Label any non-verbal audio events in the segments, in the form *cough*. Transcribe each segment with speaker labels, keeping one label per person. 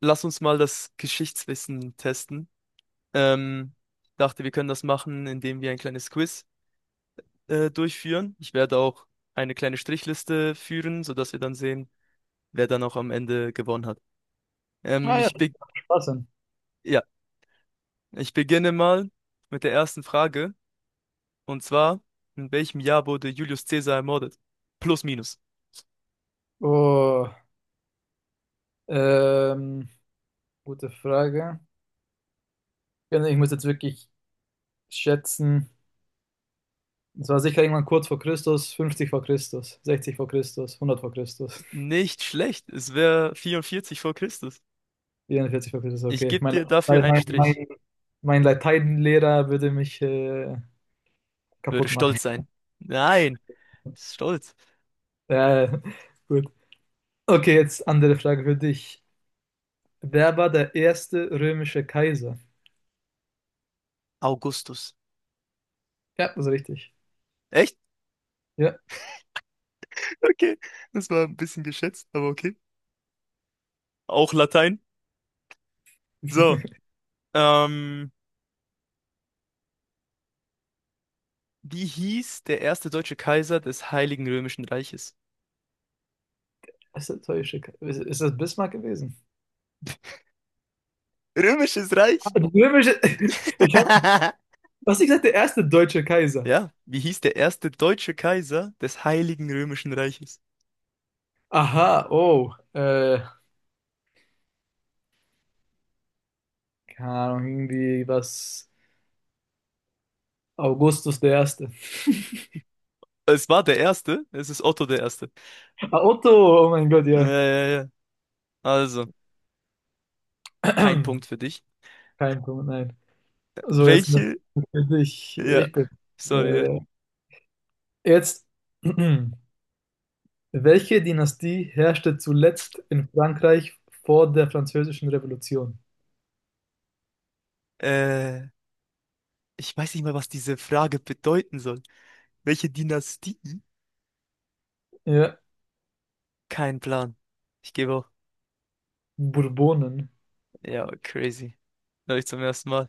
Speaker 1: Lass uns mal das Geschichtswissen testen. Ähm, Dachte, wir können das machen, indem wir ein kleines Quiz durchführen. Ich werde auch eine kleine Strichliste führen, sodass wir dann sehen, wer dann auch am Ende gewonnen hat.
Speaker 2: Ah ja,
Speaker 1: Ich be
Speaker 2: Spaß denn?
Speaker 1: ja, ich beginne mal mit der ersten Frage. Und zwar, in welchem Jahr wurde Julius Caesar ermordet? Plus, minus.
Speaker 2: Oh, ähm, gute Frage. Ja, nee, ich muss jetzt wirklich schätzen. Es war sicher irgendwann kurz vor Christus, 50 vor Christus, 60 vor Christus, 100 vor Christus,
Speaker 1: Nicht schlecht. Es wäre 44 vor Christus.
Speaker 2: 44 vor Christus,
Speaker 1: Ich
Speaker 2: okay.
Speaker 1: gebe dir dafür
Speaker 2: Mein,
Speaker 1: einen
Speaker 2: mein,
Speaker 1: Strich.
Speaker 2: mein mein Lateinlehrer würde mich
Speaker 1: Würde
Speaker 2: kaputt machen.
Speaker 1: stolz
Speaker 2: *laughs*
Speaker 1: sein. Nein, stolz.
Speaker 2: Ja, gut. Okay, jetzt andere Frage für dich. Wer war der erste römische Kaiser?
Speaker 1: Augustus.
Speaker 2: Ja, das ist richtig.
Speaker 1: Echt?
Speaker 2: Ja,
Speaker 1: *laughs* Okay. Das war ein bisschen geschätzt, aber okay. Auch Latein. So.
Speaker 2: *laughs*
Speaker 1: Ähm, wie hieß der erste deutsche Kaiser des Heiligen Römischen Reiches?
Speaker 2: erste römische Ist das Bismarck gewesen?
Speaker 1: Römisches Reich?
Speaker 2: Römische, *laughs* Ich hab,
Speaker 1: *laughs*
Speaker 2: was ich gesagt, der erste deutsche Kaiser.
Speaker 1: Ja, wie hieß der erste deutsche Kaiser des Heiligen Römischen Reiches?
Speaker 2: Aha, oh, keine Ahnung, irgendwie was, Augustus der Erste.
Speaker 1: Es war der erste, es ist Otto der Erste.
Speaker 2: Ah, Otto, oh mein Gott,
Speaker 1: Ja,
Speaker 2: ja.
Speaker 1: ja, ja. Also, kein Punkt für
Speaker 2: *clears throat*
Speaker 1: dich.
Speaker 2: Kein Punkt, nein. So, jetzt eine
Speaker 1: Welche?
Speaker 2: Frage für dich.
Speaker 1: Ja, sorry.
Speaker 2: Äh, jetzt, *clears throat* welche Dynastie herrschte zuletzt in Frankreich vor der Französischen Revolution?
Speaker 1: Ja. Ich weiß nicht mal, was diese Frage bedeuten soll. Welche Dynastie
Speaker 2: Ja,
Speaker 1: kein Plan. Ich gebe auch.
Speaker 2: Bourbonen.
Speaker 1: Ja, crazy. Da ich zum ersten Mal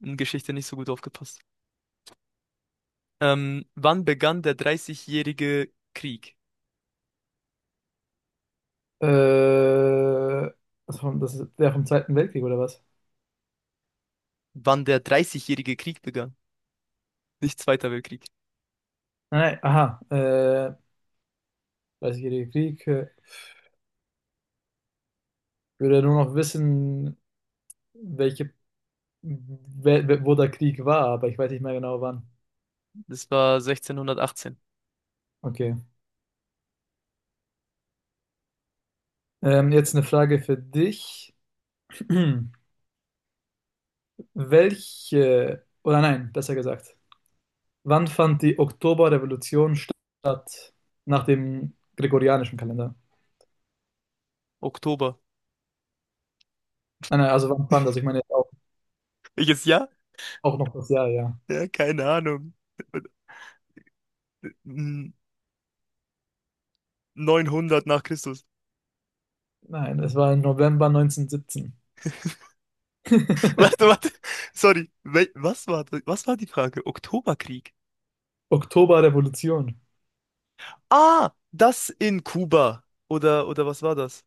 Speaker 1: in Geschichte nicht so gut aufgepasst. Wann begann der dreißigjährige Krieg?
Speaker 2: Äh, das ist der vom Zweiten Weltkrieg, oder was?
Speaker 1: Wann der dreißigjährige Krieg begann? Nicht Zweiter Weltkrieg.
Speaker 2: Nein, aha, Dreißigjähriger Krieg. Ich würde ja nur noch wissen, welche, wo der Krieg war, aber ich weiß nicht mehr genau wann.
Speaker 1: Das war 1618.
Speaker 2: Okay. Jetzt eine Frage für dich. *clears throat* Oder nein, besser gesagt, wann fand die Oktoberrevolution statt? Nach dem gregorianischen Kalender.
Speaker 1: Oktober.
Speaker 2: Nein, nein, also ich meine jetzt auch,
Speaker 1: Welches Jahr?
Speaker 2: auch noch das Jahr, ja.
Speaker 1: Ja, keine Ahnung. N- 900 nach Christus.
Speaker 2: Nein, es war im November 1917.
Speaker 1: *laughs* Warte,
Speaker 2: *laughs*
Speaker 1: warte. Sorry. Wel was war die Frage? Oktoberkrieg.
Speaker 2: Oktoberrevolution.
Speaker 1: Ah, das in Kuba. Oder was war das?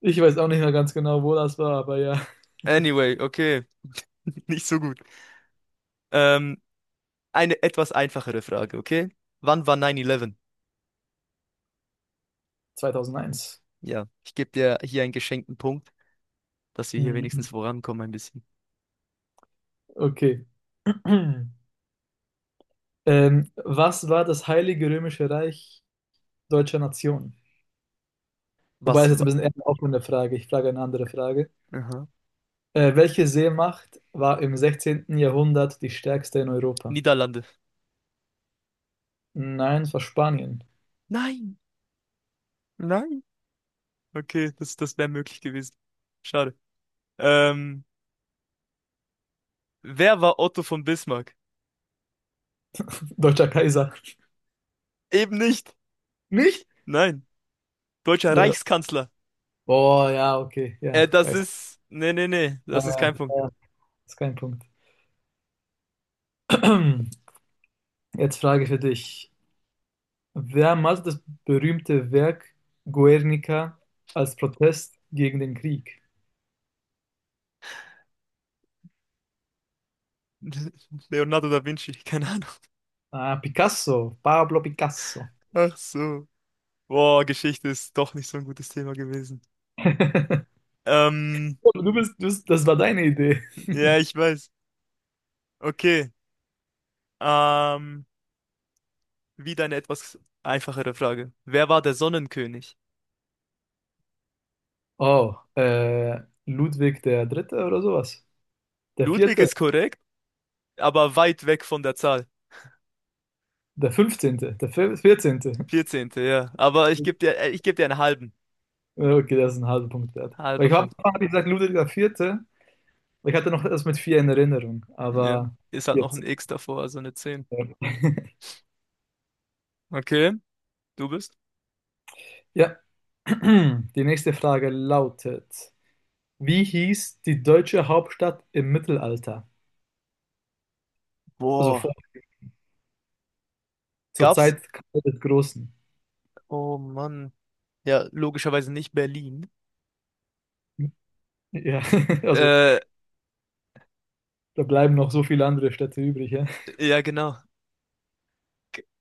Speaker 2: Ich weiß auch nicht mehr ganz genau, wo das war, aber ja,
Speaker 1: Anyway, okay. *laughs* Nicht so gut. Ähm, eine etwas einfachere Frage, okay? Wann war 9-11?
Speaker 2: 2001.
Speaker 1: Ja, ich gebe dir hier einen geschenkten Punkt, dass wir hier
Speaker 2: Hm,
Speaker 1: wenigstens vorankommen ein bisschen.
Speaker 2: okay. *clears throat* Was war das Heilige Römische Reich deutscher Nation? Wobei
Speaker 1: Was
Speaker 2: es jetzt ein
Speaker 1: war?
Speaker 2: bisschen eher eine offene Frage. Ich frage eine andere Frage.
Speaker 1: Aha.
Speaker 2: Welche Seemacht war im 16. Jahrhundert die stärkste in Europa?
Speaker 1: Niederlande.
Speaker 2: Nein, es war Spanien.
Speaker 1: Nein, nein. Okay, das wäre möglich gewesen. Schade. Ähm, wer war Otto von Bismarck?
Speaker 2: *laughs* Deutscher Kaiser.
Speaker 1: Eben nicht.
Speaker 2: Nicht?
Speaker 1: Nein. Deutscher
Speaker 2: Äh,
Speaker 1: Reichskanzler.
Speaker 2: boah, ja, okay, ja.
Speaker 1: Das
Speaker 2: Weiß.
Speaker 1: ist. Nee, nee, nee.
Speaker 2: Äh,
Speaker 1: Das ist kein Punkt.
Speaker 2: äh, ist kein Punkt. *clears throat* Jetzt frage ich für dich. Wer malte das berühmte Werk Guernica als Protest gegen den Krieg?
Speaker 1: *laughs* Leonardo da Vinci. *laughs* Keine Ahnung.
Speaker 2: Ah, Picasso, Pablo Picasso.
Speaker 1: Ach so. Boah, Geschichte ist doch nicht so ein gutes Thema gewesen.
Speaker 2: *laughs*
Speaker 1: Ähm,
Speaker 2: Oh, das war deine Idee.
Speaker 1: ja, ich weiß. Okay. Ähm, wieder eine etwas einfachere Frage. Wer war der Sonnenkönig?
Speaker 2: Oh, Ludwig der Dritte oder sowas? Der
Speaker 1: Ludwig
Speaker 2: Vierte,
Speaker 1: ist korrekt, aber weit weg von der Zahl.
Speaker 2: der Fünfzehnte, der Vierzehnte.
Speaker 1: 14., ja. Aber ich gebe dir einen halben.
Speaker 2: Ja, okay, das ist ein halber Punkt wert. Weil
Speaker 1: Halber
Speaker 2: ich habe
Speaker 1: Punkt.
Speaker 2: hab ich gesagt Ludwig der Vierte, weil ich hatte noch das mit vier in Erinnerung,
Speaker 1: Ja.
Speaker 2: aber
Speaker 1: Ist halt noch ein
Speaker 2: 14.
Speaker 1: X davor, also eine 10. Okay, du bist.
Speaker 2: Ja, *clears throat* die nächste Frage lautet. Wie hieß die deutsche Hauptstadt im Mittelalter? Also vor,
Speaker 1: Boah.
Speaker 2: zur
Speaker 1: Gab's?
Speaker 2: Zeit Karl des Großen.
Speaker 1: Oh Mann. Ja, logischerweise nicht Berlin.
Speaker 2: Ja, *laughs* also
Speaker 1: Äh,
Speaker 2: da bleiben noch so viele andere Städte übrig. Ja,
Speaker 1: ja, genau.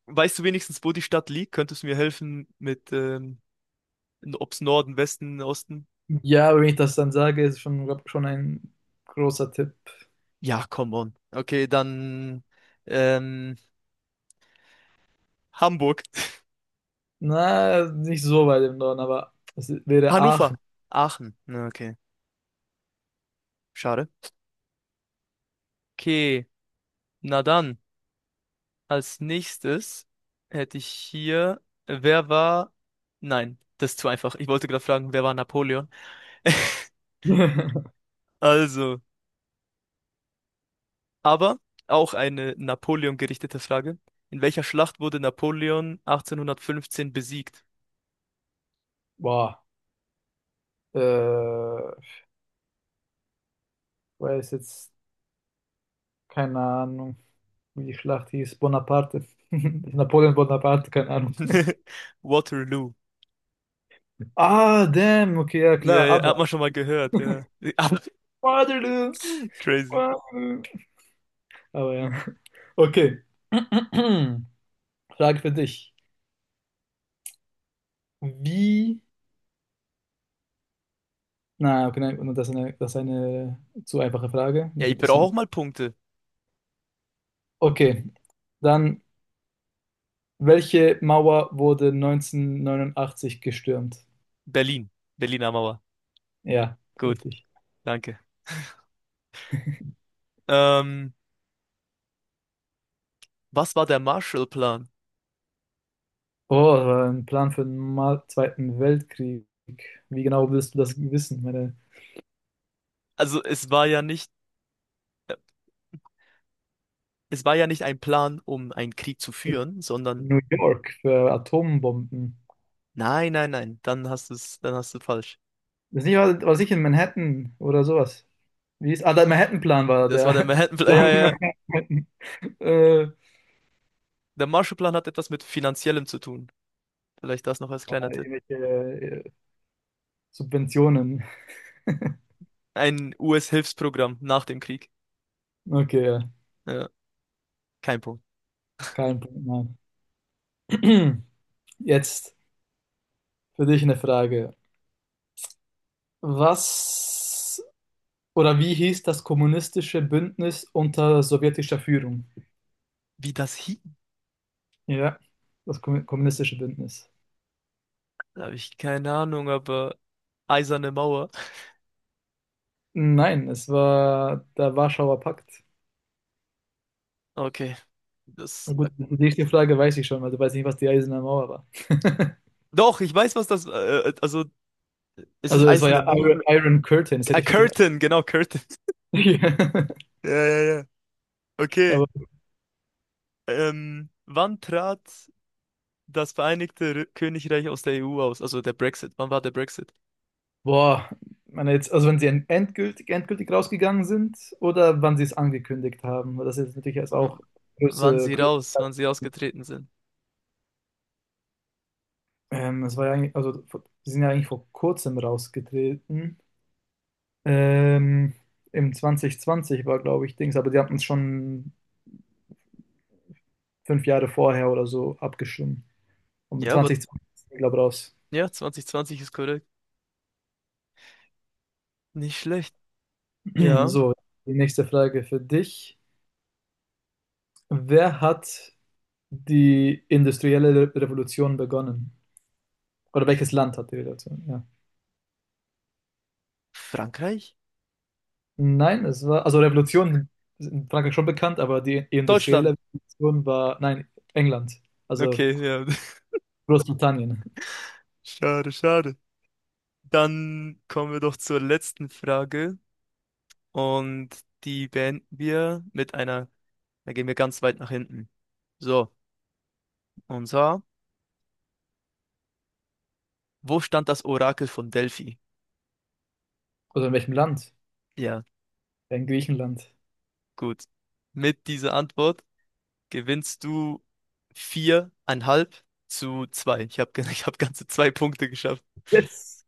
Speaker 1: Weißt du wenigstens, wo die Stadt liegt? Könntest du mir helfen mit, ob's Norden, Westen, Osten?
Speaker 2: ja, aber wenn ich das dann sage, ist schon, glaub, schon ein großer Tipp.
Speaker 1: Ja, come on. Okay, dann ähm, Hamburg. *laughs*
Speaker 2: Na, nicht so weit im Norden, aber es wäre
Speaker 1: Hannover.
Speaker 2: Aachen.
Speaker 1: Aachen. Na, okay, schade. Okay, na dann, als nächstes hätte ich hier, wer war... Nein, das ist zu einfach. Ich wollte gerade fragen, wer war Napoleon? *laughs*
Speaker 2: *laughs*
Speaker 1: Also, aber auch eine Napoleon gerichtete Frage. In welcher Schlacht wurde Napoleon 1815 besiegt?
Speaker 2: Boah, äh, ich weiß jetzt keine Ahnung, wie die Schlacht hieß. Bonaparte. *laughs* Napoleon Bonaparte, keine Ahnung.
Speaker 1: *laughs* Waterloo.
Speaker 2: Ah, damn, okay, ja
Speaker 1: Ja,
Speaker 2: klar,
Speaker 1: ja, hat
Speaker 2: aber.
Speaker 1: man schon mal gehört, ja. Aber
Speaker 2: Waterloo.
Speaker 1: *laughs* crazy.
Speaker 2: Waterloo. Aber ja. *laughs* Okay. *clears throat* Frage für dich. Wie. Na, okay, nein, das ist eine zu einfache Frage.
Speaker 1: Ja,
Speaker 2: Muss
Speaker 1: ich
Speaker 2: ein
Speaker 1: brauche
Speaker 2: bisschen.
Speaker 1: auch mal Punkte.
Speaker 2: Okay. Dann, welche Mauer wurde 1989 gestürmt?
Speaker 1: Berlin. Berliner Mauer.
Speaker 2: Ja,
Speaker 1: Gut,
Speaker 2: richtig.
Speaker 1: danke. Ähm, was war der Marshallplan?
Speaker 2: Oh, das war ein Plan für den Zweiten Weltkrieg. Wie genau willst du das wissen? Meine
Speaker 1: Also es war ja nicht, es war ja nicht ein Plan, um einen Krieg zu führen, sondern
Speaker 2: New York für Atombomben.
Speaker 1: nein, nein, nein, dann hast du es, dann hast du falsch.
Speaker 2: Das nicht, war sicher in Manhattan oder sowas. Wie ist, ah, der Manhattan-Plan war
Speaker 1: Das
Speaker 2: der.
Speaker 1: war der
Speaker 2: *laughs*
Speaker 1: Manhattan-Plan, ja,
Speaker 2: Plan von
Speaker 1: ja, ja.
Speaker 2: Manhattan. Ja,
Speaker 1: Der Marshallplan hat etwas mit Finanziellem zu tun. Vielleicht das noch als kleiner Tipp.
Speaker 2: irgendwelche Subventionen.
Speaker 1: Ein US-Hilfsprogramm nach dem Krieg.
Speaker 2: Okay, ja,
Speaker 1: Ja, kein Punkt.
Speaker 2: kein Punkt, nein. *clears throat* Jetzt für dich eine Frage. Was oder wie hieß das kommunistische Bündnis unter sowjetischer Führung?
Speaker 1: Wie das hieß?
Speaker 2: Ja, das kommunistische Bündnis.
Speaker 1: Da habe ich keine Ahnung, aber Eiserne Mauer.
Speaker 2: Nein, es war der Warschauer Pakt.
Speaker 1: Okay.
Speaker 2: Na
Speaker 1: Das.
Speaker 2: gut, die nächste Frage weiß ich schon, weil du weißt nicht, was die Eiserne Mauer war. *laughs*
Speaker 1: Doch, ich weiß, was das. Also, ist es
Speaker 2: Also es war
Speaker 1: Eiserne
Speaker 2: ja
Speaker 1: Mauer?
Speaker 2: Iron Curtain, das
Speaker 1: Ah,
Speaker 2: hätte ich wirklich.
Speaker 1: Curtain, genau, Curtain. *laughs*
Speaker 2: *laughs*
Speaker 1: Ja, ja, ja. Okay.
Speaker 2: Ja.
Speaker 1: Wann trat das Vereinigte R Königreich aus der EU aus? Also der Brexit. Wann war der Brexit?
Speaker 2: Boah, ich meine jetzt, also wenn sie endgültig rausgegangen sind oder wann sie es angekündigt haben, weil das ist jetzt natürlich erst
Speaker 1: W
Speaker 2: auch
Speaker 1: wann
Speaker 2: große,
Speaker 1: sie
Speaker 2: große.
Speaker 1: raus, wann sie ausgetreten sind.
Speaker 2: Es war ja eigentlich, also sie sind ja eigentlich vor kurzem rausgetreten. Ähm, im 2020 war, glaube ich, Dings, aber die hatten es schon 5 Jahre vorher oder so abgestimmt. Und in
Speaker 1: Ja, aber
Speaker 2: 2020 sind die, glaube ich, raus.
Speaker 1: ja, 2020 ist korrekt. Nicht schlecht.
Speaker 2: *clears throat*
Speaker 1: Ja.
Speaker 2: So, die nächste Frage für dich. Wer hat die industrielle Revolution begonnen? Oder welches Land hat die Revolution? Ja.
Speaker 1: Frankreich?
Speaker 2: Nein, es war, also Revolution ist in Frankreich schon bekannt, aber die
Speaker 1: Deutschland.
Speaker 2: industrielle Revolution war, nein, England. Also
Speaker 1: Okay, ja.
Speaker 2: Großbritannien.
Speaker 1: *laughs* Schade, schade. Dann kommen wir doch zur letzten Frage und die beenden wir mit einer, da gehen wir ganz weit nach hinten. So, und zwar, wo stand das Orakel von Delphi?
Speaker 2: Oder in welchem Land?
Speaker 1: Ja,
Speaker 2: In Griechenland.
Speaker 1: gut. Mit dieser Antwort gewinnst du 4,5 zu zwei. Ich habe *laughs* ich hab ganze zwei Punkte geschafft.
Speaker 2: Yes.